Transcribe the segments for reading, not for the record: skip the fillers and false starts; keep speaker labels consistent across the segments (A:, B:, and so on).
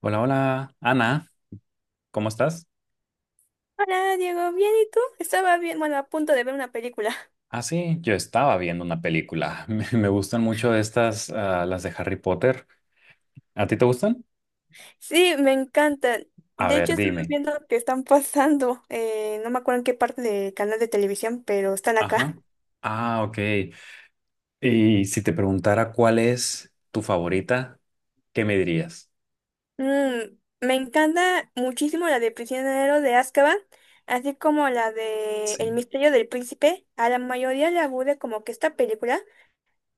A: Hola, hola, Ana, ¿cómo estás?
B: Hola, Diego, ¿bien y tú? Estaba bien, bueno, a punto de ver una película.
A: Ah, sí, yo estaba viendo una película. Me gustan mucho estas, las de Harry Potter. ¿A ti te gustan?
B: Sí, me encanta.
A: A
B: De hecho,
A: ver,
B: estaba
A: dime.
B: viendo que están pasando, no me acuerdo en qué parte del canal de televisión, pero están acá.
A: Ajá. Ah, ok. Y si te preguntara cuál es tu favorita, ¿qué me dirías?
B: Mm, me encanta muchísimo la de Prisionero de Azkaban, así como la de El
A: Sí,
B: misterio del príncipe. A la mayoría le aburre como que esta película,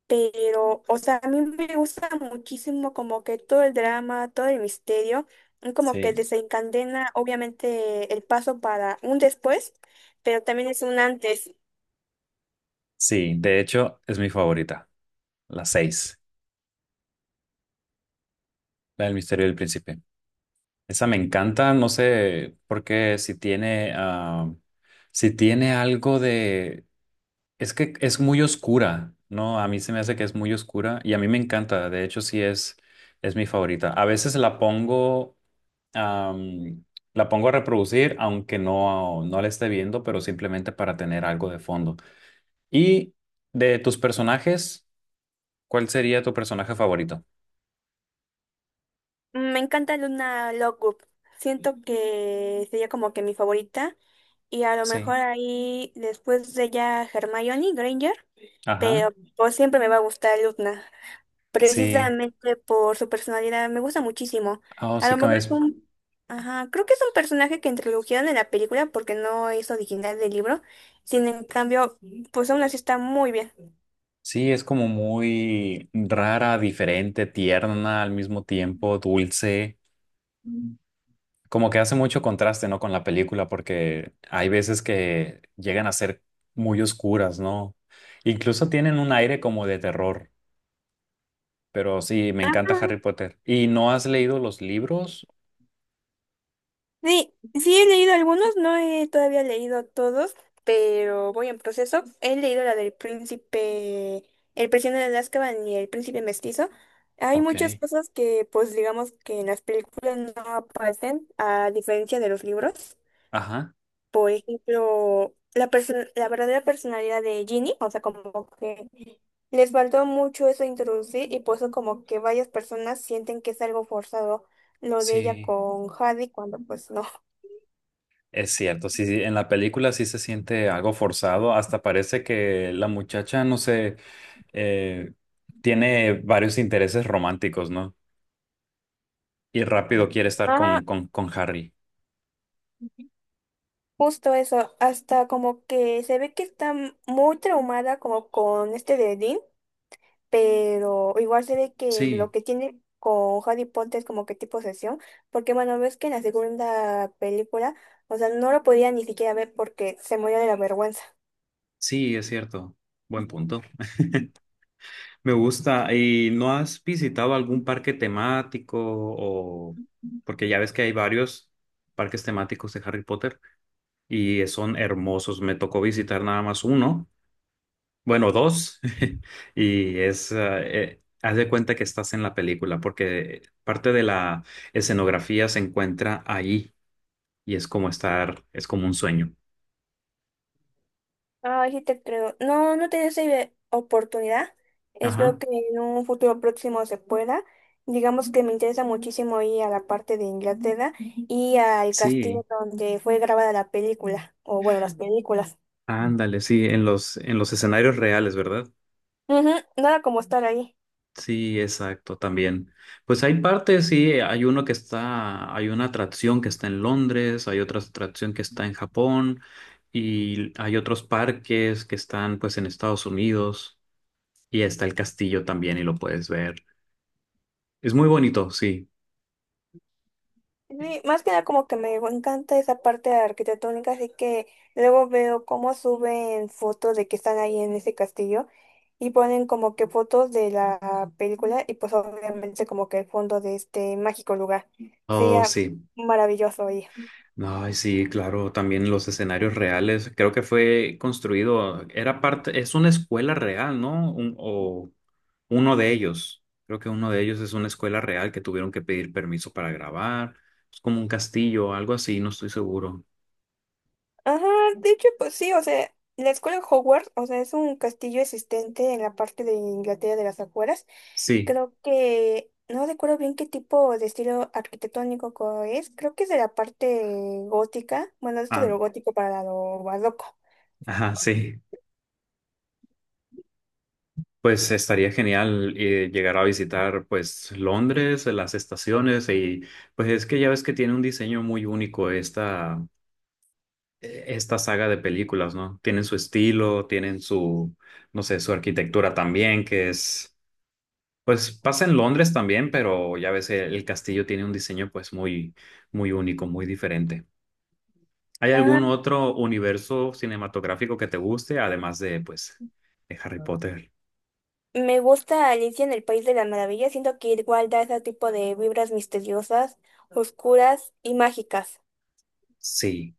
B: pero, o sea, a mí me gusta muchísimo como que todo el drama, todo el misterio, y como que
A: sí.
B: desencadena obviamente el paso para un después, pero también es un antes.
A: Sí, de hecho, es mi favorita, la seis, la del Misterio del Príncipe. Esa me encanta, no sé, porque si tiene, si tiene algo de. Es que es muy oscura, ¿no? A mí se me hace que es muy oscura y a mí me encanta. De hecho, es mi favorita. A veces la pongo, am, la pongo a reproducir, aunque no la esté viendo, pero simplemente para tener algo de fondo. Y de tus personajes, ¿cuál sería tu personaje favorito?
B: Me encanta Luna Lovegood. Siento que sería como que mi favorita y a lo mejor
A: Sí.
B: ahí después de ella Hermione Granger, pero
A: Ajá.
B: pues siempre me va a gustar Luna,
A: Sí.
B: precisamente por su personalidad. Me gusta muchísimo.
A: Oh,
B: A
A: sí
B: lo
A: que
B: mejor es
A: es.
B: un... Ajá, creo que es un personaje que introdujeron en la película porque no es original del libro. Sin en cambio, pues aún así está muy bien.
A: Sí, es como muy rara, diferente, tierna, al mismo tiempo, dulce. Como que hace mucho contraste, ¿no? Con la película, porque hay veces que llegan a ser muy oscuras, ¿no? Incluso tienen un aire como de terror, pero sí, me
B: Ah,
A: encanta Harry Potter. ¿Y no has leído los libros?
B: sí, sí he leído algunos, no he todavía leído todos, pero voy en proceso. He leído la del príncipe, el prisionero de Azkaban y el príncipe mestizo. Hay
A: Ok,
B: muchas cosas que, pues digamos que en las películas no aparecen, a diferencia de los libros.
A: ajá,
B: Por ejemplo, la verdadera personalidad de Ginny, o sea, como que les faltó mucho eso de introducir y por eso como que varias personas sienten que es algo forzado lo de ella
A: sí,
B: con Harry cuando pues no.
A: es cierto, sí, sí, en la película sí se siente algo forzado, hasta parece que la muchacha, no sé, eh, tiene varios intereses románticos, ¿no? Y rápido quiere estar
B: Ajá,
A: con Harry.
B: justo eso, hasta como que se ve que está muy traumada como con este de Dean, pero igual se ve que lo
A: Sí.
B: que tiene con Harry Potter es como que tipo sesión, porque bueno, ves que en la segunda película, o sea, no lo podía ni siquiera ver porque se murió de la vergüenza.
A: Sí, es cierto. Buen punto. Me gusta. ¿Y no has visitado algún parque temático o porque ya ves que hay varios parques temáticos de Harry Potter y son hermosos? Me tocó visitar nada más uno, bueno, dos, y es haz de cuenta que estás en la película porque parte de la escenografía se encuentra ahí y es como un sueño.
B: Ay, sí te creo. No, no tenía esa oportunidad. Espero
A: Ajá.
B: que en un futuro próximo se pueda. Digamos que me interesa muchísimo ir a la parte de Inglaterra y al castillo
A: Sí,
B: donde fue grabada la película, o bueno, las películas.
A: ándale, sí, en los escenarios reales, ¿verdad?
B: Ujú, nada como estar ahí.
A: Sí, exacto, también. Pues hay partes, sí, hay uno que está, hay una atracción que está en Londres, hay otra atracción que está en Japón y hay otros parques que están pues en Estados Unidos y está el castillo también y lo puedes ver. Es muy bonito, sí.
B: Sí, más que nada como que me encanta esa parte arquitectónica, así que luego veo cómo suben fotos de que están ahí en ese castillo y ponen como que fotos de la película y pues obviamente como que el fondo de este mágico lugar.
A: Oh,
B: Sería
A: sí.
B: maravilloso ir.
A: Ay, sí, claro, también los escenarios reales. Creo que fue construido, era parte, es una escuela real, ¿no? O uno de ellos. Creo que uno de ellos es una escuela real que tuvieron que pedir permiso para grabar. Es como un castillo, algo así, no estoy seguro.
B: Ajá, de hecho pues sí, o sea, la escuela Hogwarts, o sea, es un castillo existente en la parte de Inglaterra de las afueras.
A: Sí,
B: Creo que no recuerdo bien qué tipo de estilo arquitectónico es. Creo que es de la parte gótica. Bueno, esto de
A: ah,
B: lo gótico para lo barroco.
A: ajá, sí. Pues estaría genial llegar a visitar, pues, Londres, las estaciones y, pues, es que ya ves que tiene un diseño muy único esta. Esta saga de películas, ¿no? Tienen su estilo, tienen su, no sé, su arquitectura también, que es, pues pasa en Londres también, pero ya ves, el castillo tiene un diseño pues muy, muy único, muy diferente. ¿Hay algún
B: Ah,
A: otro universo cinematográfico que te guste, además de, pues, de Harry Potter?
B: me gusta Alicia en el País de las Maravillas. Siento que igual da ese tipo de vibras misteriosas, oscuras y mágicas.
A: Sí,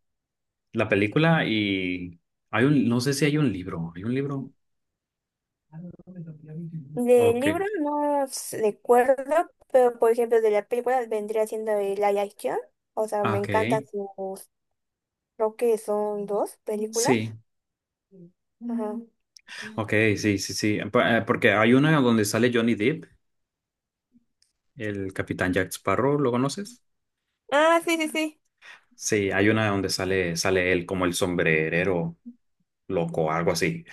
A: la película y hay un, no sé si hay un libro, ¿hay un libro?
B: De
A: Ok,
B: libro no recuerdo, pero por ejemplo de la película vendría siendo el Live Action. O sea,
A: ah,
B: me
A: ok,
B: encantan sus, creo que son dos películas.
A: sí,
B: Ajá.
A: ok, sí, sí, sí, porque hay una donde sale Johnny Depp. El Capitán Jack Sparrow, ¿lo conoces?
B: Ah, sí, sí, sí.
A: Sí, hay una donde sale él como el sombrerero loco, algo así.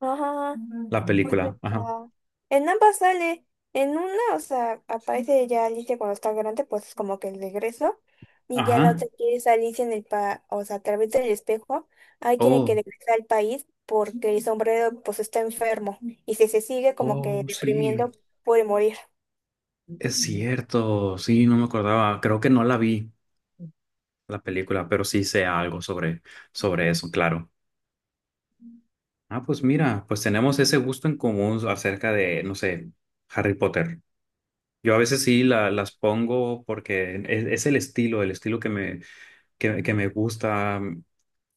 B: Ajá.
A: La
B: Pues
A: película, ajá.
B: en ambas sale. En una, o sea, aparece ya Alicia cuando está grande, pues es como que el regreso. Y ya la
A: Ajá.
B: otra que es Alicia o sea, a través del espejo, ahí tiene que
A: Oh,
B: regresar al país porque el sombrero pues está enfermo. Y si se sigue como que
A: oh, sí,
B: deprimiendo, puede morir.
A: es cierto. Sí, no me acordaba. Creo que no la vi la película, pero sí sé algo sobre eso, claro. Ah, pues mira, pues tenemos ese gusto en común acerca de, no sé, Harry Potter. Yo a veces sí las pongo porque es el estilo que me gusta.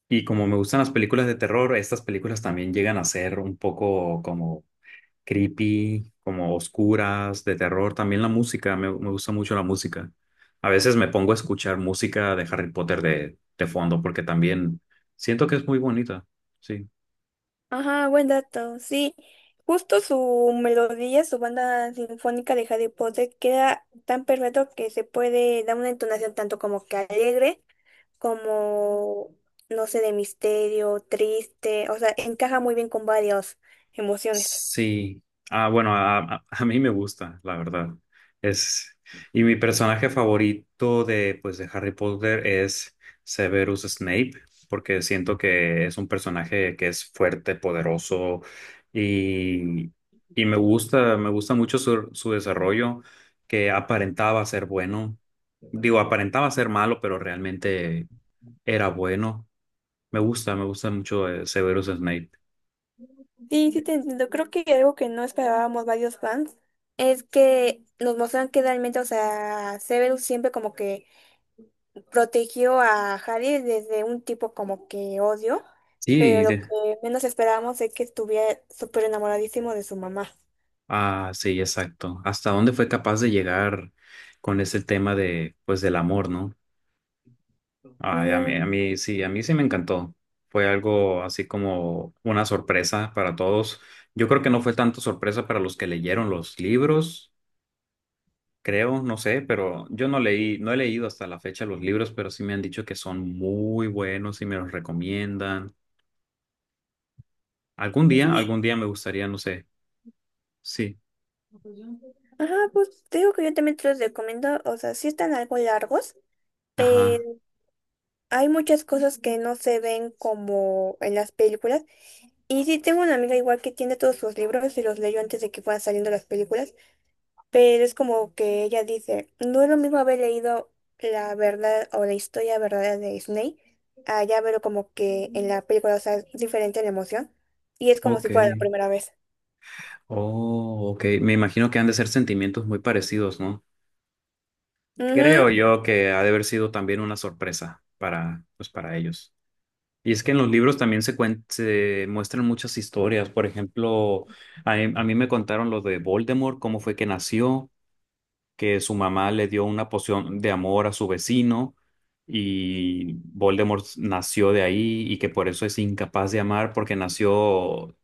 A: Y como me gustan las películas de terror, estas películas también llegan a ser un poco como creepy, como oscuras, de terror. También la música, me gusta mucho la música. A veces me pongo a escuchar música de Harry Potter de fondo porque también siento que es muy bonita. Sí.
B: Ajá, buen dato, sí. Justo su melodía, su banda sinfónica de Harry Potter queda tan perfecto que se puede dar una entonación tanto como que alegre como, no sé, de misterio, triste, o sea, encaja muy bien con varias emociones.
A: Sí, ah, bueno, a mí me gusta, la verdad. Es, y mi personaje favorito de, pues, de Harry Potter es Severus Snape, porque siento que es un personaje que es fuerte, poderoso y, y me gusta mucho su desarrollo, que aparentaba ser bueno. Digo, aparentaba ser malo, pero realmente era bueno. Me gusta mucho Severus Snape.
B: Sí, sí te entiendo. Creo que algo que no esperábamos varios fans. Es que nos muestran que realmente, o sea, Severus siempre como que protegió a Harry desde un tipo como que odio, pero
A: Sí,
B: lo que menos esperábamos es que estuviera súper enamoradísimo de su mamá.
A: ah, sí, exacto. ¿Hasta dónde fue capaz de llegar con ese tema de, pues, del amor, ¿no? Ay,
B: Ujú.
A: a mí sí me encantó. Fue algo así como una sorpresa para todos. Yo creo que no fue tanto sorpresa para los que leyeron los libros, creo, no sé, pero yo no leí, no he leído hasta la fecha los libros, pero sí me han dicho que son muy buenos y me los recomiendan.
B: Sí,
A: Algún día me gustaría, no sé. Sí.
B: ajá, pues te digo que yo también te los recomiendo, o sea, sí están algo largos, pero
A: Ajá.
B: hay muchas cosas que no se ven como en las películas. Y sí, tengo una amiga igual que tiene todos sus libros y los leyó antes de que fueran saliendo las películas. Pero es como que ella dice, no es lo mismo haber leído la verdad o la historia verdadera de Snape a ya verlo como que en la película, o sea, es diferente la emoción. Y es como si
A: Ok.
B: fuera la primera vez.
A: Oh, ok. Me imagino que han de ser sentimientos muy parecidos, ¿no? Creo
B: Ujú,
A: yo que ha de haber sido también una sorpresa para, pues, para ellos. Y es que en los libros también se muestran muchas historias. Por ejemplo, a mí me contaron lo de Voldemort, cómo fue que nació, que su mamá le dio una poción de amor a su vecino y Voldemort nació de ahí y que por eso es incapaz de amar porque nació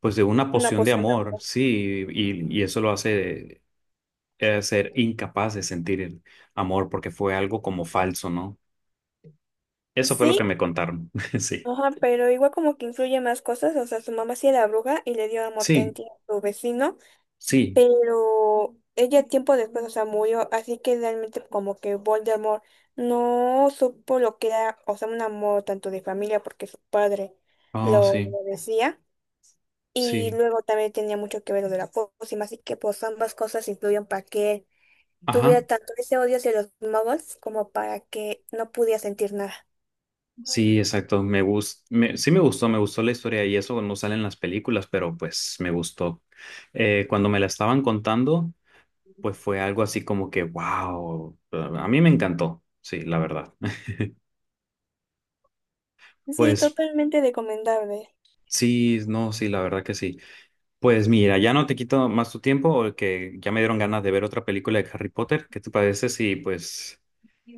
A: pues de una
B: una
A: poción de
B: poción de
A: amor,
B: amor.
A: sí, y eso lo hace ser incapaz de sentir el amor porque fue algo como falso, ¿no? Eso fue lo
B: Sí,
A: que me contaron, sí.
B: ajá, pero igual como que influye más cosas. O sea, su mamá sí era bruja y le dio amor a
A: Sí,
B: su vecino,
A: sí,
B: pero ella tiempo después, o sea, murió, así que realmente como que Voldemort no supo lo que era, o sea, un amor tanto de familia porque su padre
A: oh,
B: lo
A: sí,
B: decía, y
A: sí,
B: luego también tenía mucho que ver lo de la pócima, así que pues ambas cosas influyen para que él tuviera
A: ajá,
B: tanto ese odio hacia los muggles como para que no pudiera sentir nada.
A: sí, exacto, sí me gustó la historia y eso no sale en las películas, pero pues me gustó. Cuando me la estaban contando, pues fue algo así como que, wow, a mí me encantó, sí, la verdad.
B: Sí,
A: Pues
B: totalmente recomendable.
A: sí, no, sí, la verdad que sí. Pues mira, ya no te quito más tu tiempo, porque ya me dieron ganas de ver otra película de Harry Potter. ¿Qué te parece si pues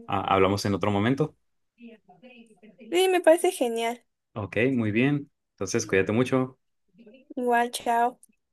A: hablamos en otro momento?
B: Sí, me parece genial.
A: Ok, muy bien. Entonces, cuídate mucho.
B: Igual, chao.